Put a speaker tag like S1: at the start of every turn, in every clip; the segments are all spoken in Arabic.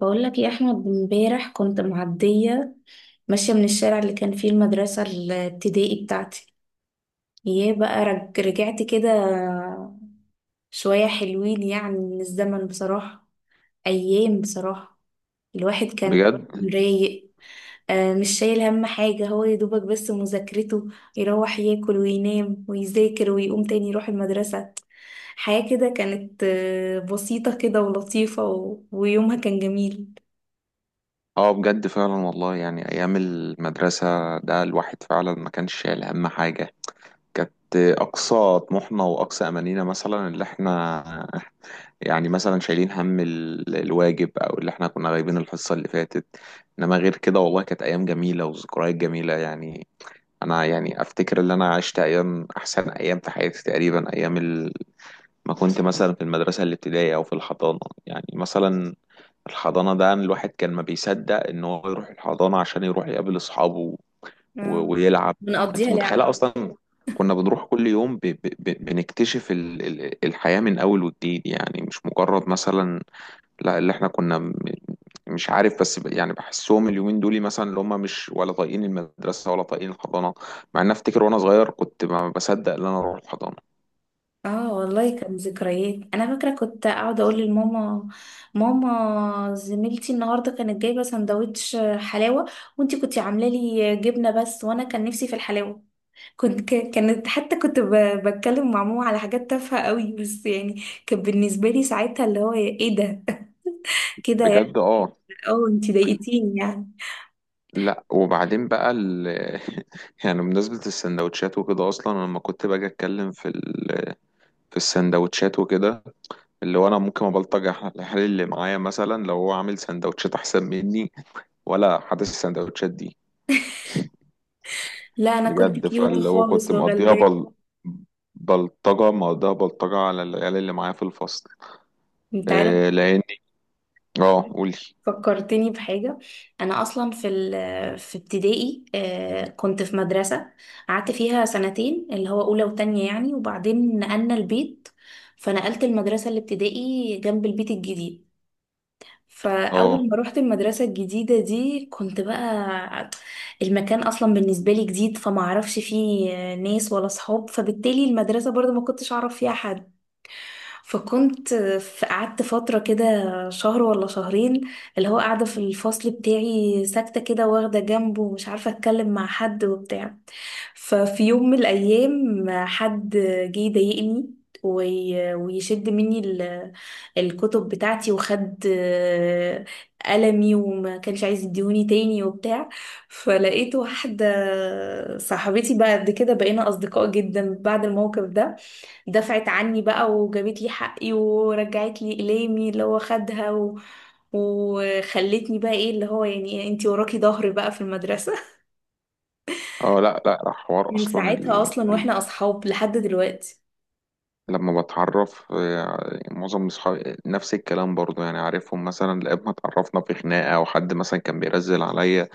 S1: بقول لك يا احمد، امبارح كنت معديه ماشيه من الشارع اللي كان فيه المدرسه الابتدائي بتاعتي. يا بقى رجعت كده شويه حلوين، يعني من الزمن بصراحه. ايام بصراحه، الواحد كان
S2: بجد.
S1: رايق. مش شايل هم حاجه، هو يا دوبك بس مذاكرته. يروح ياكل وينام ويذاكر ويقوم تاني يروح المدرسه. حياه كده كانت بسيطه كده ولطيفه، ويومها كان جميل.
S2: اه، بجد فعلا والله، يعني ايام المدرسه ده الواحد فعلا ما كانش شايل هم حاجه. كانت اقصى طموحنا واقصى امانينا، مثلا اللي احنا، يعني مثلا شايلين هم الواجب، او اللي احنا كنا غايبين الحصه اللي فاتت. انما غير كده والله كانت ايام جميله وذكريات جميله يعني. انا يعني افتكر ان انا عشت ايام، احسن ايام في حياتي تقريبا، ما كنت مثلا في المدرسه الابتدائيه او في الحضانه. يعني مثلا الحضانة ده، أنا الواحد كان ما بيصدق إن هو يروح الحضانة عشان يروح يقابل أصحابه و-
S1: اه،
S2: ويلعب أنت
S1: بنقضيها
S2: متخيلة
S1: لعب.
S2: أصلا؟ كنا بنروح كل يوم بنكتشف الحياة من أول وجديد، يعني مش مجرد مثلا، لا اللي إحنا كنا مش عارف، بس يعني بحسهم اليومين دول مثلا اللي هم مش ولا طايقين المدرسة ولا طايقين الحضانة، مع إن أفتكر وأنا صغير كنت ما بصدق إن أنا أروح الحضانة.
S1: اه والله، كان ذكريات. انا فاكره كنت اقعد اقول لماما: ماما، زميلتي النهارده كانت جايبه سندوتش حلاوه، وانتي كنتي عامله لي جبنه بس، وانا كان نفسي في الحلاوه. كانت حتى كنت بتكلم مع ماما على حاجات تافهه قوي، بس يعني كان بالنسبه لي ساعتها اللي هو إيه ده. كده يعني.
S2: بجد أه.
S1: اه، انتي ضايقتيني يعني.
S2: لا وبعدين بقى يعني بمناسبة السندوتشات وكده، أصلا أنا لما كنت باجي أتكلم في في السندوتشات وكده، اللي هو أنا ممكن أبلطج على الحال اللي معايا مثلا لو هو عامل سندوتشات أحسن مني، ولا حاسس السندوتشات دي.
S1: لا، انا كنت
S2: بجد
S1: كيوت
S2: فاللي هو
S1: خالص
S2: كنت
S1: وغلبانه.
S2: بلطجة على العيال اللي معايا في الفصل.
S1: انت عارف،
S2: إيه لأني. اه قولي.
S1: فكرتني بحاجة. أنا أصلا في ابتدائي، كنت في مدرسة قعدت فيها سنتين، اللي هو أولى وتانية يعني، وبعدين نقلنا البيت، فنقلت المدرسة الابتدائي جنب البيت الجديد. فأول
S2: اه
S1: ما روحت المدرسة الجديدة دي كنت بقى، المكان أصلا بالنسبة لي جديد، فما أعرفش فيه ناس ولا صحاب، فبالتالي المدرسة برضو ما كنتش أعرف فيها حد. فكنت قعدت فترة كده، شهر ولا شهرين، اللي هو قاعدة في الفصل بتاعي ساكتة كده، واخدة جنبه ومش عارفة اتكلم مع حد وبتاع. ففي يوم من الأيام حد جه يضايقني ويشد مني الكتب بتاعتي، وخد قلمي، وما كانش عايز يديهوني تاني وبتاع. فلقيت واحدة صاحبتي، بعد كده بقينا أصدقاء جدا بعد الموقف ده، دفعت عني بقى وجابت لي حقي ورجعت لي إقلامي اللي هو خدها، وخلتني بقى ايه، اللي هو يعني انتي وراكي ظهري بقى في المدرسة.
S2: اه، لا لا، حوار
S1: من
S2: أصلا.
S1: ساعتها اصلا واحنا اصحاب لحد دلوقتي.
S2: لما بتعرف، معظم اصحابي نفس الكلام برضو، يعني عارفهم مثلا، لقيت ما اتعرفنا في خناقة، او حد مثلا كان بيرزل عليا،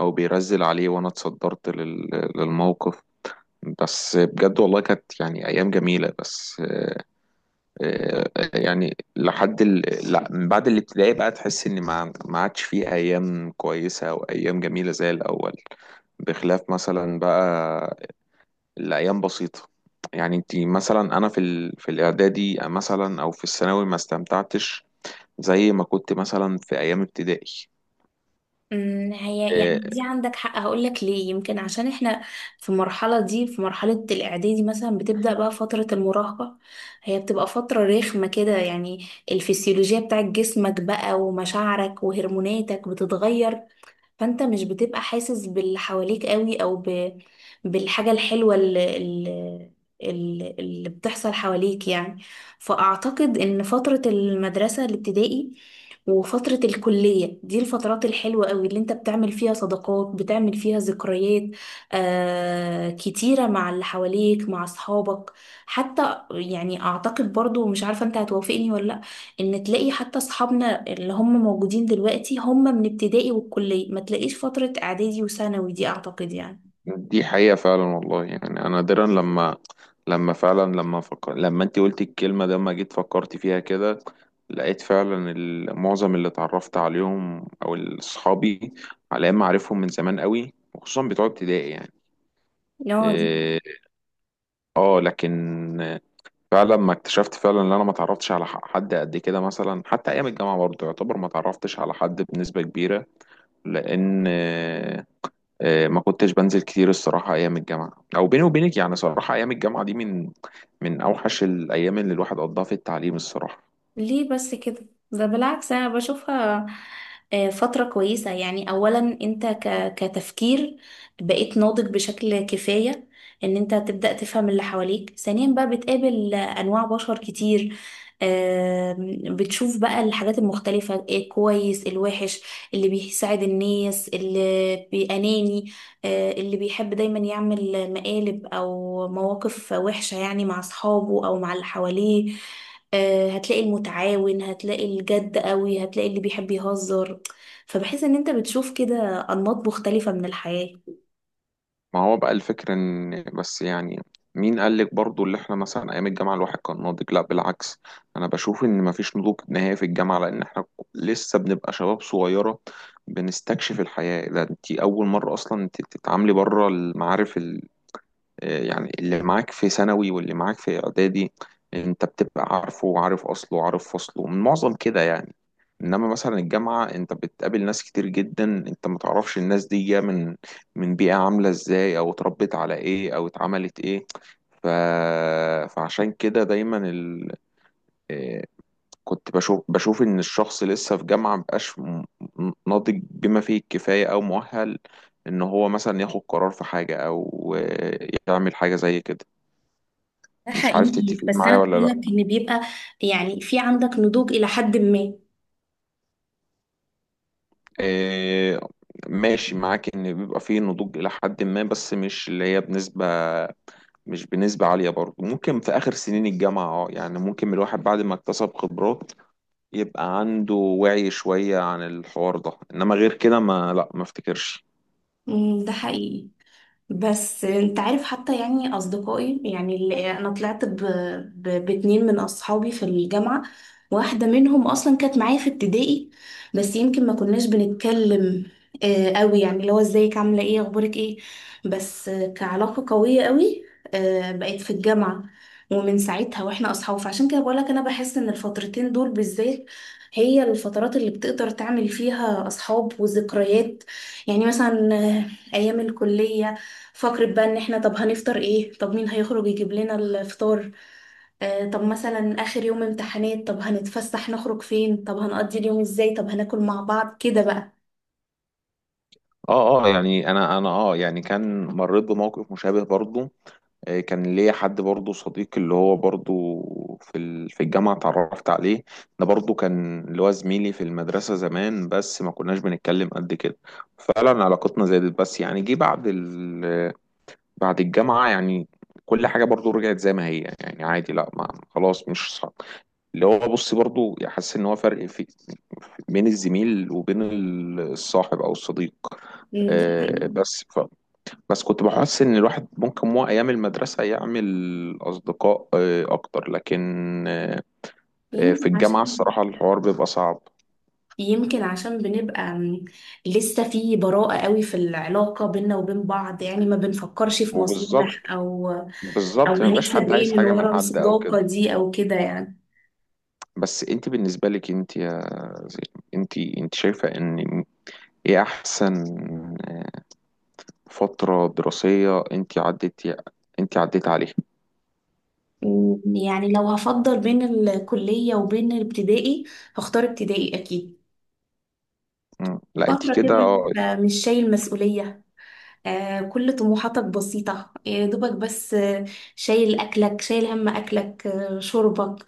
S2: او بيرزل عليه وانا اتصدرت للموقف. بس بجد والله كانت يعني ايام جميلة، بس يعني لا، من بعد الابتدائي بقى تحس ان ما عادش فيه ايام كويسة او ايام جميلة زي الاول، بخلاف مثلا بقى الأيام بسيطة. يعني انت مثلا، أنا في في الإعدادي مثلا أو في الثانوي ما استمتعتش زي ما كنت مثلا في أيام ابتدائي.
S1: هي
S2: آه،
S1: يعني دي عندك حق. هقولك ليه، يمكن عشان احنا في المرحلة دي، في مرحلة الإعدادي مثلا، بتبدأ بقى فترة المراهقة. هي بتبقى فترة رخمة كده يعني، الفسيولوجيا بتاعت جسمك بقى ومشاعرك وهرموناتك بتتغير، فانت مش بتبقى حاسس باللي حواليك قوي، او بالحاجة الحلوة اللي بتحصل حواليك يعني. فأعتقد إن فترة المدرسة الابتدائي وفترة الكلية دي الفترات الحلوة قوي، اللي انت بتعمل فيها صداقات، بتعمل فيها ذكريات كتيرة مع اللي حواليك، مع أصحابك. حتى يعني أعتقد برضو، مش عارفة انت هتوافقني ولا لأ، ان تلاقي حتى أصحابنا اللي هم موجودين دلوقتي هم من ابتدائي والكلية، ما تلاقيش فترة اعدادي وثانوي دي، اعتقد يعني.
S2: دي حقيقة فعلا والله، يعني أنا نادرا لما لما فعلا لما فكر... لما انت قلت الكلمة ده، ما جيت فكرت فيها كده لقيت فعلا معظم اللي اتعرفت عليهم أو صحابي، على أيام أعرفهم من زمان قوي، وخصوصا بتوع ابتدائي يعني.
S1: لا دي،
S2: اه. لكن فعلا ما اكتشفت فعلا ان انا ما اتعرفتش على حد قد كده، مثلا حتى ايام الجامعه برضه يعتبر ما اتعرفتش على حد بنسبه كبيره، لان ما كنتش بنزل كتير الصراحه ايام الجامعه، او بيني وبينك يعني صراحه ايام الجامعه دي من اوحش الايام اللي الواحد قضاها في التعليم الصراحه.
S1: ليه بس كده؟ ده بالعكس، انا بشوفها فترة كويسة. يعني اولا انت كتفكير بقيت ناضج بشكل كفاية، ان انت تبدأ تفهم اللي حواليك. ثانيا بقى بتقابل انواع بشر كتير، بتشوف بقى الحاجات المختلفة، الكويس الوحش، اللي بيساعد الناس، اللي بأناني، اللي بيحب دايما يعمل مقالب او مواقف وحشة يعني، مع اصحابه او مع اللي حواليه. هتلاقي المتعاون، هتلاقي الجد قوي، هتلاقي اللي بيحب يهزر. فبحس ان انت بتشوف كده انماط مختلفة من الحياة.
S2: ما هو بقى الفكرة، ان بس يعني، مين قال لك برضو اللي احنا مثلا ايام الجامعة الواحد كان ناضج؟ لا بالعكس، انا بشوف ان مفيش نضوج نهائي في الجامعة، لان احنا لسه بنبقى شباب صغيرة بنستكشف الحياة. ده انت اول مرة اصلا انت تتعاملي بره المعارف، يعني اللي معاك في ثانوي واللي معاك في اعدادي انت بتبقى عارفه وعارف اصله وعارف فصله من معظم كده يعني، انما مثلا الجامعة انت بتقابل ناس كتير جدا، انت ما تعرفش الناس دي جاية من بيئة عاملة ازاي او اتربت على ايه او اتعملت ايه. ف... فعشان كده دايما ال... آه، كنت بشوف ان الشخص لسه في جامعة مبقاش ناضج بما فيه الكفاية او مؤهل، ان هو مثلا ياخد قرار في حاجة او يعمل حاجة زي كده.
S1: ده
S2: مش عارف
S1: حقيقي،
S2: تتفقين
S1: بس
S2: معايا
S1: انا
S2: ولا
S1: بقول لك
S2: لا؟
S1: ان بيبقى يعني في عندك نضوج الى حد ما.
S2: إيه. ماشي معاك ان بيبقى فيه نضوج الى حد ما، بس مش اللي هي بنسبة، مش بنسبة عالية برضه. ممكن في اخر سنين الجامعة يعني ممكن الواحد بعد ما اكتسب خبرات يبقى عنده وعي شوية عن الحوار ده، انما غير كده، ما لا ما افتكرش.
S1: ده حقيقي. بس انت عارف، حتى يعني اصدقائي يعني اللي انا طلعت باتنين من اصحابي في الجامعة، واحدة منهم اصلا كانت معايا في ابتدائي، بس يمكن ما كناش بنتكلم قوي، يعني اللي هو ازيك، عاملة ايه، اخبارك ايه. بس كعلاقة قوية قوي بقيت في الجامعة، ومن ساعتها واحنا اصحاب. فعشان كده بقولك، انا بحس ان الفترتين دول بالذات هي الفترات اللي بتقدر تعمل فيها اصحاب وذكريات. يعني مثلا ايام الكلية، فقرة بقى ان احنا طب هنفطر ايه؟ طب مين هيخرج يجيب لنا الفطار؟ طب مثلا اخر يوم امتحانات، طب هنتفسح نخرج فين؟ طب هنقضي اليوم ازاي؟ طب هناكل مع بعض كده بقى.
S2: اه اه، يعني انا، يعني كان مريت بموقف مشابه برضه. كان ليا حد برضه صديق اللي هو برضه في في الجامعة اتعرفت عليه، ده برضه كان اللي هو زميلي في المدرسة زمان بس ما كناش بنتكلم قد كده. فعلا علاقتنا زادت، بس يعني جه بعد بعد الجامعة يعني، كل حاجة برضه رجعت زي ما هي يعني عادي، لا ما خلاص مش صعب. اللي هو بص برضه حاسس ان هو فرق، في بين الزميل وبين الصاحب او الصديق.
S1: دي
S2: آه،
S1: حقيقة.
S2: بس بس كنت بحس ان الواحد ممكن مو ايام المدرسه يعمل اصدقاء اكتر، لكن آه، في
S1: يمكن
S2: الجامعه
S1: عشان
S2: الصراحه الحوار بيبقى صعب.
S1: يمكن عشان بنبقى لسه في براءة قوي في العلاقة بينا وبين بعض، يعني ما بنفكرش في
S2: وبالظبط،
S1: مصالح، او او
S2: ما بيبقاش
S1: هنكسب
S2: حد عايز
S1: ايه من
S2: حاجه من
S1: ورا
S2: حد او كده.
S1: الصداقة دي او كده يعني.
S2: بس انت بالنسبه لك، انت يا زين، انت شايفه ان ايه احسن آه، فتره دراسيه انت عديت عليها؟
S1: يعني لو هفضل بين الكلية وبين الابتدائي، هختار ابتدائي اكيد.
S2: مم. لا انت
S1: فترة كده
S2: كده اه.
S1: انت مش شايل مسؤولية، كل طموحاتك بسيطة. يا دوبك بس شايل أكلك، شايل هم أكلك، شربك،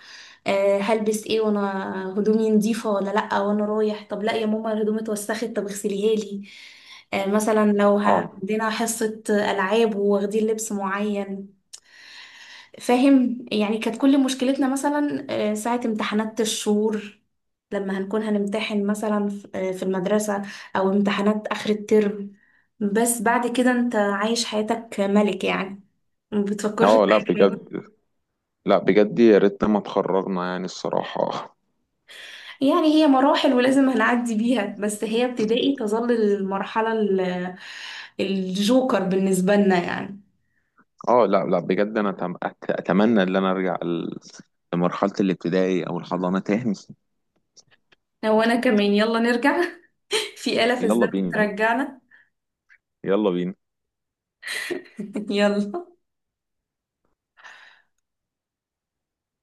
S1: هلبس ايه، وانا هدومي نضيفة ولا لأ وانا رايح، طب لأ يا ماما الهدوم اتوسخت طب اغسليها لي، مثلا لو
S2: اه
S1: عندنا حصة ألعاب وواخدين لبس معين. فاهم؟ يعني كانت كل مشكلتنا مثلا ساعة امتحانات الشهور، لما هنكون هنمتحن مثلا في المدرسة، أو امتحانات آخر الترم. بس بعد كده أنت عايش حياتك ملك يعني، ما بتفكرش في
S2: اه، لا
S1: أي حاجة.
S2: بجد، لا بجد، يا ريتنا ما اتخرجنا يعني الصراحه.
S1: يعني هي مراحل ولازم هنعدي بيها، بس هي ابتدائي تظل المرحلة الجوكر بالنسبة لنا يعني.
S2: اه، لا لا بجد، انا اتمنى ان انا ارجع لمرحلة الابتدائي او الحضانة تاني.
S1: هو أنا كمان، يلا نرجع. في آلة في
S2: يلا
S1: الزمن
S2: بينا،
S1: ترجعنا.
S2: يلا بينا.
S1: يلا.